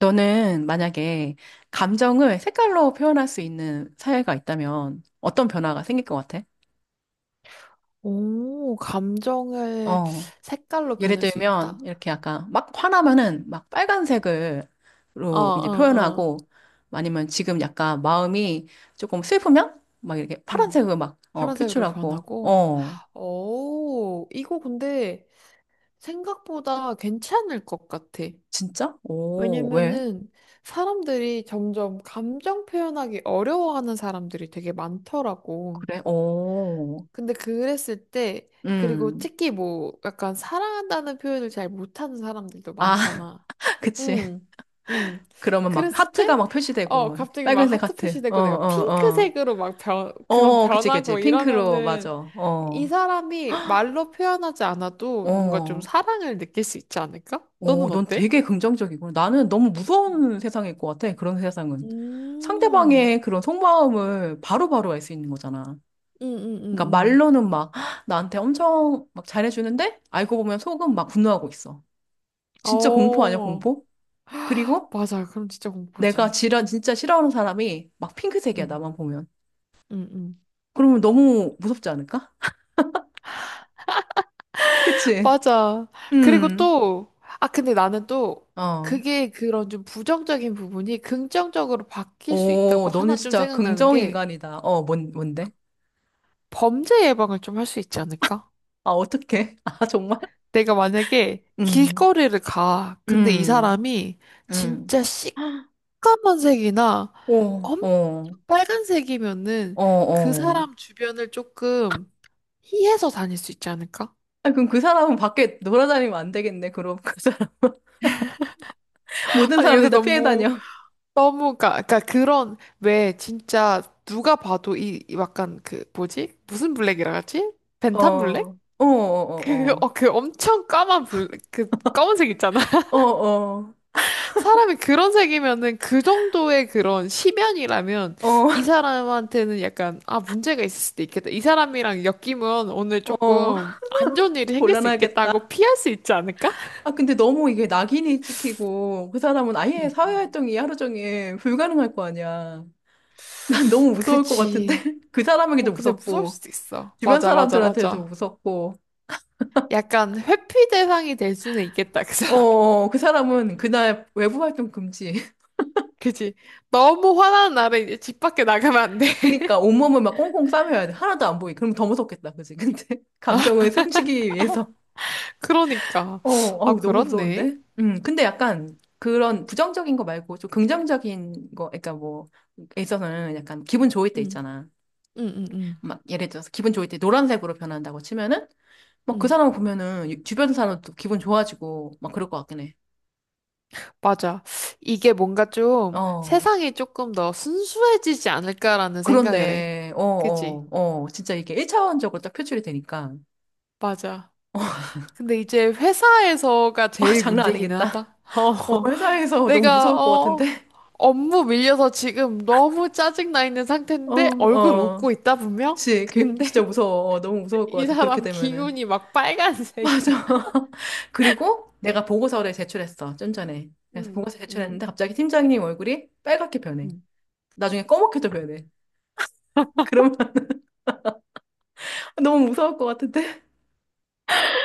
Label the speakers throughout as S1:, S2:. S1: 너는 만약에 감정을 색깔로 표현할 수 있는 사회가 있다면 어떤 변화가 생길 것 같아?
S2: 오, 감정을
S1: 어,
S2: 색깔로
S1: 예를
S2: 변할 수
S1: 들면
S2: 있다.
S1: 이렇게 약간 막 화나면은 막
S2: 어,
S1: 빨간색으로 이제
S2: 어, 어.
S1: 표현하고 아니면 지금 약간 마음이 조금 슬프면 막 이렇게
S2: 음.
S1: 파란색으로 막
S2: 파란색으로
S1: 표출하고
S2: 변하고.
S1: 어,
S2: 오, 이거 근데 생각보다 괜찮을 것 같아.
S1: 진짜? 오, 왜?
S2: 왜냐면은 사람들이 점점 감정 표현하기 어려워하는 사람들이 되게 많더라고.
S1: 그래? 오,
S2: 근데 그랬을 때, 그리고
S1: 음,
S2: 특히 뭐 약간 사랑한다는 표현을 잘 못하는 사람들도
S1: 아,
S2: 많잖아.
S1: 그치.
S2: 음, 음.
S1: 그러면 막
S2: 그랬을
S1: 하트가
S2: 때,
S1: 막 표시되고 막
S2: 갑자기 막
S1: 빨간색
S2: 하트
S1: 하트. 어,
S2: 표시되고 내가
S1: 어, 어.
S2: 핑크색으로 막 그런
S1: 어, 그치, 그치.
S2: 변하고
S1: 핑크로, 맞아.
S2: 이러면은 이
S1: 어,
S2: 사람이 말로 표현하지 않아도 뭔가 좀
S1: 어,
S2: 사랑을 느낄 수 있지 않을까?
S1: 어,
S2: 너는
S1: 넌
S2: 어때?
S1: 되게 긍정적이고. 나는 너무
S2: 음,
S1: 무서운 세상일 것 같아, 그런 세상은. 상대방의 그런 속마음을 바로바로 알 수 있는 거잖아.
S2: 음, 음,
S1: 그러니까
S2: 음,
S1: 말로는 막 "헉, 나한테 엄청 막 잘해주는데 알고 보면 속은 막 분노하고 있어. 진짜 공포 아니야,
S2: 어,
S1: 공포? 그리고
S2: 맞아. 그럼 진짜 공포지.
S1: 진짜 싫어하는 사람이 막 핑크색이야,
S2: 음,
S1: 나만 보면.
S2: 음, 음.
S1: 그러면 너무 무섭지 않을까? 그치?
S2: 맞아. 그리고
S1: 음,
S2: 또, 아, 근데 나는 또,
S1: 어.
S2: 그게 그런 좀 부정적인 부분이 긍정적으로 바뀔 수
S1: 오,
S2: 있다고
S1: 너는
S2: 하나 좀
S1: 진짜
S2: 생각나는
S1: 긍정
S2: 게,
S1: 인간이다. 어, 뭔데?
S2: 범죄 예방을 좀 할 수 있지 않을까?
S1: 아, 어떡해? 아, 정말?
S2: 내가 만약에
S1: 음,
S2: 길거리를 가. 근데 이
S1: 음,
S2: 사람이
S1: 음.
S2: 진짜 시커먼 색이나
S1: 오,
S2: 엄청
S1: 어,
S2: 빨간색이면은
S1: 어,
S2: 그
S1: 어.
S2: 사람 주변을 조금 피해서 다닐 수 있지 않을까?
S1: 아, 그럼 그 사람은 밖에 놀아다니면 안 되겠네. 그럼 그 사람, 모든
S2: 아니, 요새
S1: 사람들이 다 피해
S2: 너무
S1: 다녀.
S2: 너무 가, 그러니까 그런 왜 진짜 누가 봐도 이 약간 그 뭐지? 무슨 블랙이라 하지?
S1: 어,
S2: 벤탄 블랙?
S1: 어, 어, 어,
S2: 그 엄청 까만 블랙, 그 검은색 있잖아.
S1: 어, 어,
S2: 사람이 그런 색이면은 그 정도의 그런 심연이라면
S1: 어,
S2: 이 사람한테는 약간 아 문제가 있을 수도 있겠다. 이 사람이랑 엮이면 오늘
S1: 어, 어.
S2: 조금 안 좋은 일이 생길 수
S1: 곤란하겠다.
S2: 있겠다고 피할 수 있지 않을까?
S1: 아, 근데 너무 이게 낙인이 찍히고 그 사람은 아예
S2: 음, 음.
S1: 사회활동이 하루 종일 불가능할 거 아니야. 난 너무 무서울 것 같은데?
S2: 그치.
S1: 그
S2: 어,
S1: 사람에게도
S2: 근데 무서울
S1: 무섭고.
S2: 수도 있어.
S1: 주변
S2: 맞아, 맞아,
S1: 사람들한테도
S2: 맞아.
S1: 무섭고,
S2: 약간 회피 대상이 될 수는 있겠다, 그 사람.
S1: 어, 그 사람은 그날 외부 활동 금지.
S2: 그지? 너무 화나는 날에 이제 집 밖에 나가면 안 돼.
S1: 그니까 온몸을 막 꽁꽁 싸매야 돼. 하나도 안 보이게. 그럼 더 무섭겠다, 그지? 근데 감정을 숨기기 위해서.
S2: 그러니까.
S1: 어,
S2: 아,
S1: 어우, 너무
S2: 그렇네.
S1: 무서운데? 근데 약간 그런 부정적인 거 말고 좀 긍정적인 거, 그러니까 뭐, 에 있어서는 약간 기분 좋을 때
S2: 응,
S1: 있잖아.
S2: 응, 응, 응.
S1: 막 예를 들어서 기분 좋을 때 노란색으로 변한다고 치면은 막 그
S2: 응,
S1: 사람 보면은 주변 사람도 기분 좋아지고 막 그럴 것 같긴 해.
S2: 맞아. 이게 뭔가 좀
S1: 어.
S2: 세상이 조금 더 순수해지지 않을까라는 생각을 해.
S1: 그렇네. 어,
S2: 그지?
S1: 어, 어. 진짜 이게 1차원적으로 딱 표출이 되니까.
S2: 맞아. 근데 이제 회사에서가
S1: 아,
S2: 제일
S1: 장난
S2: 문제기는
S1: 아니겠다.
S2: 하다.
S1: 어,
S2: 어,
S1: 회사에서 너무
S2: 내가,
S1: 무서울 것
S2: 어,
S1: 같은데?
S2: 업무 밀려서 지금 너무 짜증나 있는
S1: 어,
S2: 상태인데 얼굴
S1: 어.
S2: 웃고 있다, 분명?
S1: 그치. 걔
S2: 근데
S1: 진짜 무서워. 어, 너무 무서울 것
S2: 이
S1: 같아. 그렇게
S2: 사람
S1: 되면은.
S2: 기운이 막 빨간색이야.
S1: 맞아. 그리고 내가 보고서를 제출했어. 좀 전에. 그래서
S2: 응,
S1: 보고서
S2: 응,
S1: 제출했는데 갑자기 팀장님 얼굴이 빨갛게 변해.
S2: 응,
S1: 나중에 검맣게도 변해. 그러면 너무 무서울 것 같은데?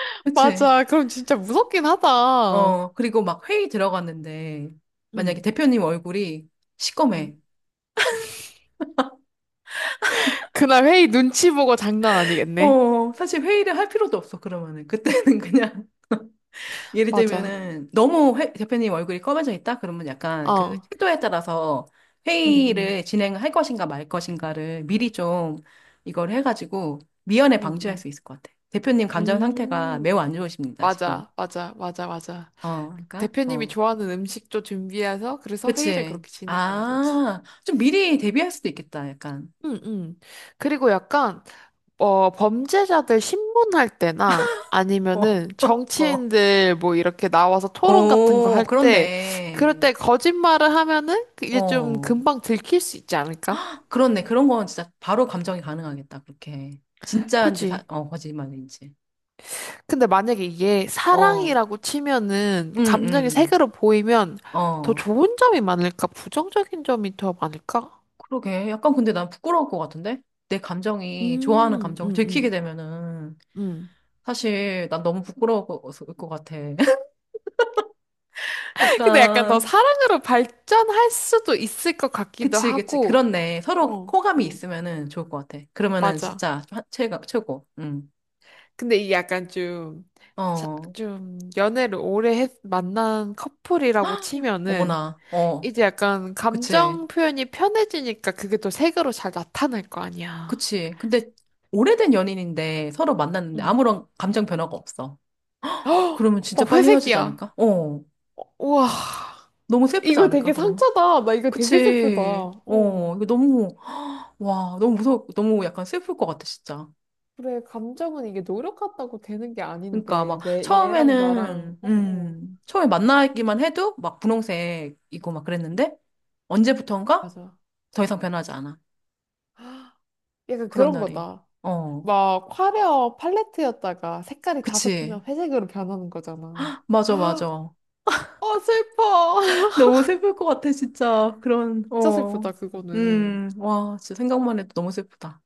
S1: 그치.
S2: 맞아. 그럼 진짜 무섭긴 하다.
S1: 어, 그리고 막 회의 들어갔는데 만약에
S2: 응,
S1: 대표님 얼굴이
S2: 응,
S1: 시꺼매.
S2: 그날 회의 눈치 보고 장난 아니겠네.
S1: 어, 사실 회의를 할 필요도 없어, 그러면은. 그때는 그냥. 예를
S2: 맞아.
S1: 들면은 대표님 얼굴이 검해져 있다? 그러면 약간 그
S2: 어.
S1: 태도에 따라서
S2: 응, 응,
S1: 회의를 진행할 것인가 말 것인가를 미리 좀 이걸 해가지고 미연에
S2: 응.
S1: 방지할
S2: 응.
S1: 수 있을 것 같아. 대표님 감정 상태가 매우 안
S2: 음,
S1: 좋으십니다, 지금.
S2: 맞아. 맞아. 맞아. 맞아.
S1: 어, 그러니까,
S2: 대표님이
S1: 어.
S2: 좋아하는 음식도 준비해서 그래서 회의를
S1: 그치.
S2: 그렇게 진행하는 거지.
S1: 아, 좀 미리 대비할 수도 있겠다, 약간.
S2: 응, 응. 그리고 약간 어, 범죄자들 신문할 때나
S1: 어,
S2: 아니면은
S1: 어.
S2: 정치인들 뭐 이렇게 나와서 토론 같은 거
S1: 오,
S2: 할 때, 그럴
S1: 그렇네.
S2: 때 거짓말을 하면은 이제 좀
S1: 어.
S2: 금방 들킬 수 있지 않을까?
S1: 그렇네. 그런 건 진짜 바로 감정이 가능하겠다. 그렇게. 진짜인지, 사,
S2: 그치?
S1: 어, 거짓말인지.
S2: 근데 만약에 이게
S1: 어,
S2: 사랑이라고 치면은
S1: 응,
S2: 감정이
S1: 응.
S2: 색으로 보이면 더
S1: 어,
S2: 좋은 점이 많을까? 부정적인 점이 더 많을까?
S1: 그러게. 약간 근데 난 부끄러울 것 같은데? 내 감정이, 좋아하는
S2: 음,
S1: 감정을
S2: 음,
S1: 들키게
S2: 음,
S1: 되면은,
S2: 음.
S1: 사실 난 너무 부끄러울 것 같아.
S2: 근데 약간 더
S1: 약간,
S2: 사랑으로 발전할 수도 있을 것 같기도
S1: 그치, 그치.
S2: 하고,
S1: 그렇네. 서로
S2: 어,
S1: 호감이
S2: 어,
S1: 있으면은 좋을 것 같아. 그러면은
S2: 맞아.
S1: 진짜 최고. 응.
S2: 근데 이게 약간 좀, 자-
S1: 어,
S2: 좀 연애를 오래 만난 커플이라고 치면은
S1: 어머나. 어,
S2: 이제 약간
S1: 그치.
S2: 감정 표현이 편해지니까 그게 또 색으로 잘 나타날 거 아니야.
S1: 그치. 근데 오래된 연인인데 서로 만났는데
S2: 응.
S1: 아무런 감정 변화가 없어. 그러면 진짜
S2: 막
S1: 빨리 헤어지지
S2: 회색이야.
S1: 않을까? 어.
S2: 우와,
S1: 너무 슬프지
S2: 이거
S1: 않을까,
S2: 되게
S1: 그러면?
S2: 상처다. 나 이거 되게 슬프다.
S1: 그치.
S2: 어.
S1: 어. 이거 너무, 와, 너무 무서워. 너무 약간 슬플 것 같아, 진짜.
S2: 그래, 감정은 이게 노력 같다고 되는 게
S1: 그러니까
S2: 아닌데,
S1: 막
S2: 내, 얘랑 나랑,
S1: 처음에는,
S2: 어, 어,
S1: 처음에 만나기만 해도 막 분홍색이고 막 그랬는데 언제부턴가
S2: 맞아.
S1: 더 이상 변하지 않아.
S2: 헉, 약간
S1: 그런
S2: 그런
S1: 날이.
S2: 거다.
S1: 어.
S2: 막 화려 팔레트였다가 색깔이 다
S1: 그치.
S2: 섞이면 회색으로 변하는 거잖아.
S1: 맞아,
S2: 아,
S1: 맞아.
S2: 어, 슬퍼.
S1: 너무 슬플 것 같아, 진짜. 그런,
S2: 진짜
S1: 어.
S2: 슬프다, 그거는.
S1: 와, 진짜 생각만 해도 너무 슬프다.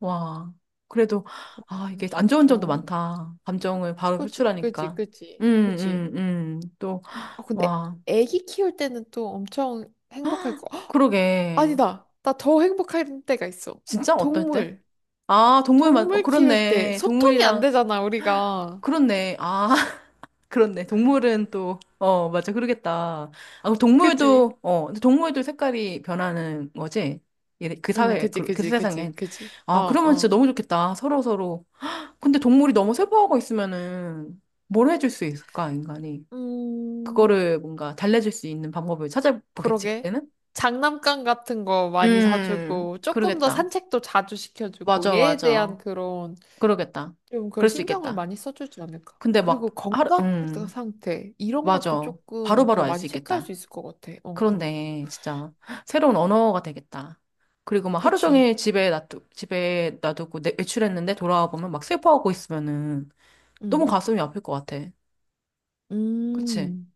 S1: 와. 그래도, 아,
S2: 그렇네,
S1: 이게 안 좋은
S2: 진짜.
S1: 점도 많다. 감정을 바로
S2: 그지, 그지,
S1: 표출하니까.
S2: 그지,
S1: 음,
S2: 그지.
S1: 또,
S2: 아, 근데
S1: 와.
S2: 애기 키울 때는 또 엄청 행복할 거. 헉,
S1: 그러게.
S2: 아니다. 나 더 행복할 때가 있어.
S1: 진짜? 어떨 때?
S2: 동물.
S1: 아, 동물만, 어,
S2: 동물 키울 때
S1: 그렇네.
S2: 소통이 안
S1: 동물이랑,
S2: 되잖아, 우리가.
S1: 그렇네. 아. 그렇네. 동물은 또, 어, 맞아. 그러겠다. 아, 그럼
S2: 그지?
S1: 동물도, 어, 근데 동물도 색깔이 변하는 거지? 예,
S2: 응, 그지,
S1: 그
S2: 그지, 그지,
S1: 세상엔.
S2: 그지. 어,
S1: 아, 그러면 진짜
S2: 어.
S1: 너무 좋겠다. 서로 서로. 근데 동물이 너무 슬퍼하고 있으면은 뭘 해줄 수 있을까, 인간이?
S2: 음.
S1: 그거를 뭔가 달래줄 수 있는 방법을 찾아보겠지,
S2: 그러게.
S1: 그때는?
S2: 장난감 같은 거 많이 사주고, 조금 더
S1: 그러겠다.
S2: 산책도 자주 시켜주고,
S1: 맞아,
S2: 얘에
S1: 맞아.
S2: 대한 그런,
S1: 그러겠다.
S2: 좀 그런
S1: 그럴 수
S2: 신경을
S1: 있겠다.
S2: 많이 써주지 않을까.
S1: 근데 막,
S2: 그리고
S1: 하루,
S2: 건강 상태, 이런 것도
S1: 맞아.
S2: 조금
S1: 바로바로
S2: 더
S1: 알 수
S2: 많이 체크할
S1: 있겠다.
S2: 수 있을 것 같아. 어, 어.
S1: 그렇네. 진짜 새로운 언어가 되겠다. 그리고 막 하루
S2: 그치.
S1: 종일 집에 놔두고 내, 외출했는데 돌아와 보면 막 슬퍼하고 있으면은 너무
S2: 응.
S1: 가슴이 아플 것 같아. 그치?
S2: 음,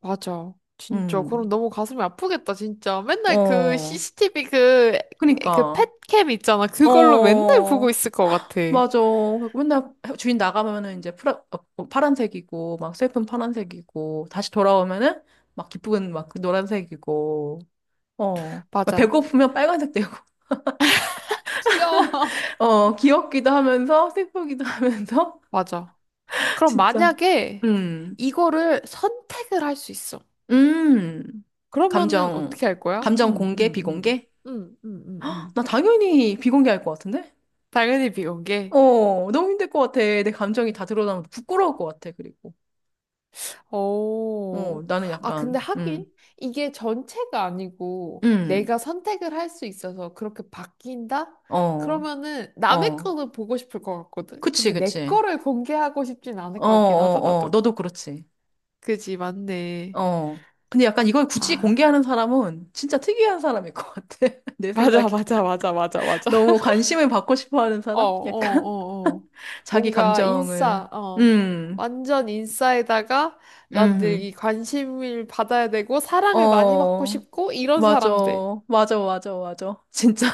S2: 맞아. 진짜. 그럼
S1: 음.
S2: 너무 가슴이 아프겠다, 진짜. 맨날 그
S1: 어.
S2: CCTV 그, 그
S1: 그니까.
S2: 펫캠 있잖아. 그걸로 맨날 보고
S1: 어.
S2: 있을 것 같아.
S1: 맞아. 그리고 맨날 주인 나가면은 이제 파란색이고 막 슬픈 파란색이고 다시 돌아오면은 막 기쁜 막그 노란색이고 어. 막
S2: 맞아.
S1: 배고프면 빨간색 되고
S2: 귀여워.
S1: 어, 귀엽기도 하면서, 슬프기도 하면서,
S2: 맞아. 그럼
S1: 진짜.
S2: 만약에
S1: 음,
S2: 이거를 선택을 할 수 있어.
S1: 음.
S2: 그러면은
S1: 감정,
S2: 어떻게 할 거야?
S1: 감정
S2: 응,
S1: 공개,
S2: 응, 응.
S1: 비공개?
S2: 응, 응, 응, 응.
S1: 나 당연히 비공개할 것 같은데?
S2: 당연히 비공개.
S1: 어, 너무 힘들 것 같아. 내 감정이 다 드러나면 부끄러울 것 같아, 그리고. 어,
S2: 오.
S1: 나는
S2: 아,
S1: 약간,
S2: 근데 하긴 이게 전체가 아니고
S1: 음,
S2: 내가 선택을 할 수 있어서 그렇게 바뀐다?
S1: 어,
S2: 그러면은 남의
S1: 어.
S2: 거는 보고 싶을 것 같거든.
S1: 그치,
S2: 근데 내
S1: 그치.
S2: 거를 공개하고 싶진 않을
S1: 어,
S2: 것 같긴 하다,
S1: 어, 어.
S2: 나도.
S1: 너도 그렇지.
S2: 그지, 맞네.
S1: 어. 근데 약간 이걸 굳이
S2: 아,
S1: 공개하는 사람은 진짜 특이한 사람일 것 같아. 내 생각에.
S2: 맞아, 맞아, 맞아, 맞아, 맞아.
S1: 너무 관심을 받고 싶어 하는
S2: 어, 어,
S1: 사람? 약간?
S2: 어, 어.
S1: 자기
S2: 뭔가
S1: 감정을.
S2: 인싸, 어.
S1: 음.
S2: 완전 인싸에다가 난 늘
S1: 음.
S2: 이 관심을 받아야 되고 사랑을 많이 받고
S1: 어,
S2: 싶고 이런
S1: 맞아.
S2: 사람들.
S1: 맞아, 맞아, 맞아. 진짜.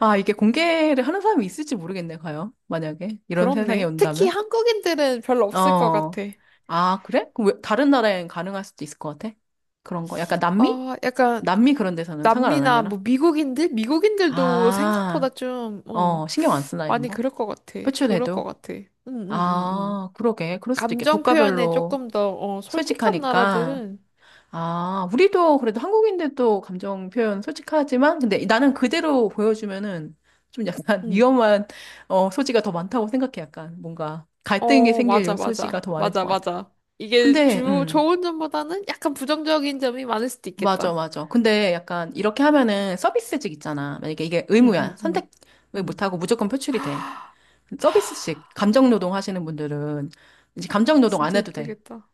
S1: 아, 이게 공개를 하는 사람이 있을지 모르겠네, 과연. 만약에. 이런 세상이
S2: 그렇네. 특히
S1: 온다면.
S2: 한국인들은 별로 없을 것
S1: 어.
S2: 같아.
S1: 아, 그래? 그럼 왜, 다른 나라엔 가능할 수도 있을 것 같아? 그런 거. 약간 남미?
S2: 아, 약간
S1: 남미 그런 데서는 상관 안
S2: 남미나
S1: 하려나?
S2: 뭐 미국인들? 미국인들도 생각보다
S1: 아,
S2: 좀, 어,
S1: 어, 신경 안 쓰나, 이런
S2: 많이
S1: 거?
S2: 그럴 것 같아. 그럴 것
S1: 표출해도.
S2: 같아. 응, 응, 응, 응.
S1: 아, 그러게. 그럴 수도 있겠.
S2: 감정 표현에
S1: 국가별로
S2: 조금 더, 어, 솔직한
S1: 솔직하니까.
S2: 나라들은,
S1: 아, 우리도 그래도 한국인들도 감정 표현 솔직하지만, 근데 나는 그대로 보여주면은 좀 약간
S2: 응.
S1: 위험한 어, 소지가 더 많다고 생각해. 약간 뭔가 갈등이
S2: 어,
S1: 생길 요
S2: 맞아,
S1: 소지가
S2: 맞아.
S1: 더 많을
S2: 맞아,
S1: 것 같아.
S2: 맞아. 이게
S1: 근데,
S2: 좋은 점보다는 약간 부정적인 점이 많을 수도
S1: 맞아,
S2: 있겠다.
S1: 맞아. 근데 약간 이렇게 하면은 서비스직 있잖아. 만약에 이게
S2: 응,
S1: 의무야.
S2: 응, 응.
S1: 선택을
S2: 응.
S1: 못하고 무조건 표출이 돼.
S2: 아,
S1: 서비스직, 감정 노동 하시는 분들은 이제 감정 노동 안
S2: 진짜
S1: 해도 돼.
S2: 힘들겠다.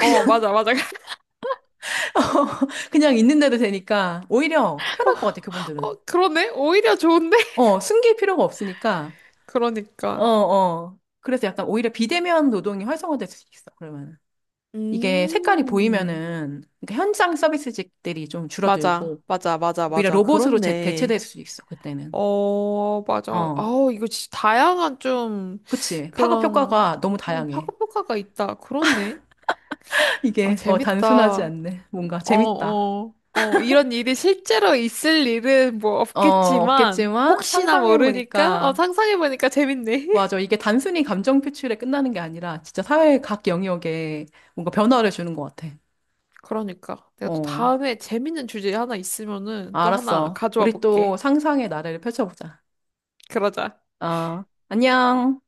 S2: 어, 맞아, 맞아.
S1: 그냥 있는데도 되니까 오히려
S2: 어,
S1: 편할 것 같아,
S2: 어,
S1: 그분들은.
S2: 그러네? 오히려 좋은데?
S1: 어, 숨길 필요가 없으니까, 어,
S2: 그러니까.
S1: 어. 그래서 약간 오히려 비대면 노동이 활성화될 수 있어, 그러면은. 이게 색깔이
S2: 음,
S1: 보이면은, 그러니까 현장 서비스직들이 좀
S2: 맞아,
S1: 줄어들고,
S2: 맞아, 맞아,
S1: 오히려
S2: 맞아.
S1: 로봇으로 대체될
S2: 그렇네.
S1: 수 있어, 그때는.
S2: 어, 맞아.
S1: 어,
S2: 아우, 이거 진짜 다양한 좀
S1: 그치. 파급
S2: 그런
S1: 효과가 너무 다양해.
S2: 파급 효과가 있다. 그렇네. 아,
S1: 이게, 어, 단순하지
S2: 재밌다.
S1: 않네. 뭔가
S2: 어,
S1: 재밌다.
S2: 어, 어, 이런 일이 실제로 있을 일은 뭐
S1: 어,
S2: 없겠지만,
S1: 없겠지만,
S2: 혹시나 모르니까, 어,
S1: 상상해보니까,
S2: 상상해보니까 재밌네.
S1: 맞아. 이게 단순히 감정 표출에 끝나는 게 아니라, 진짜 사회 각 영역에 뭔가 변화를 주는 것 같아.
S2: 그러니까. 내가 또
S1: 어.
S2: 다음에 재밌는 주제 하나 있으면은 또 하나
S1: 알았어.
S2: 가져와
S1: 우리 또
S2: 볼게.
S1: 상상의 나래를 펼쳐보자.
S2: 그러자.
S1: 어, 안녕.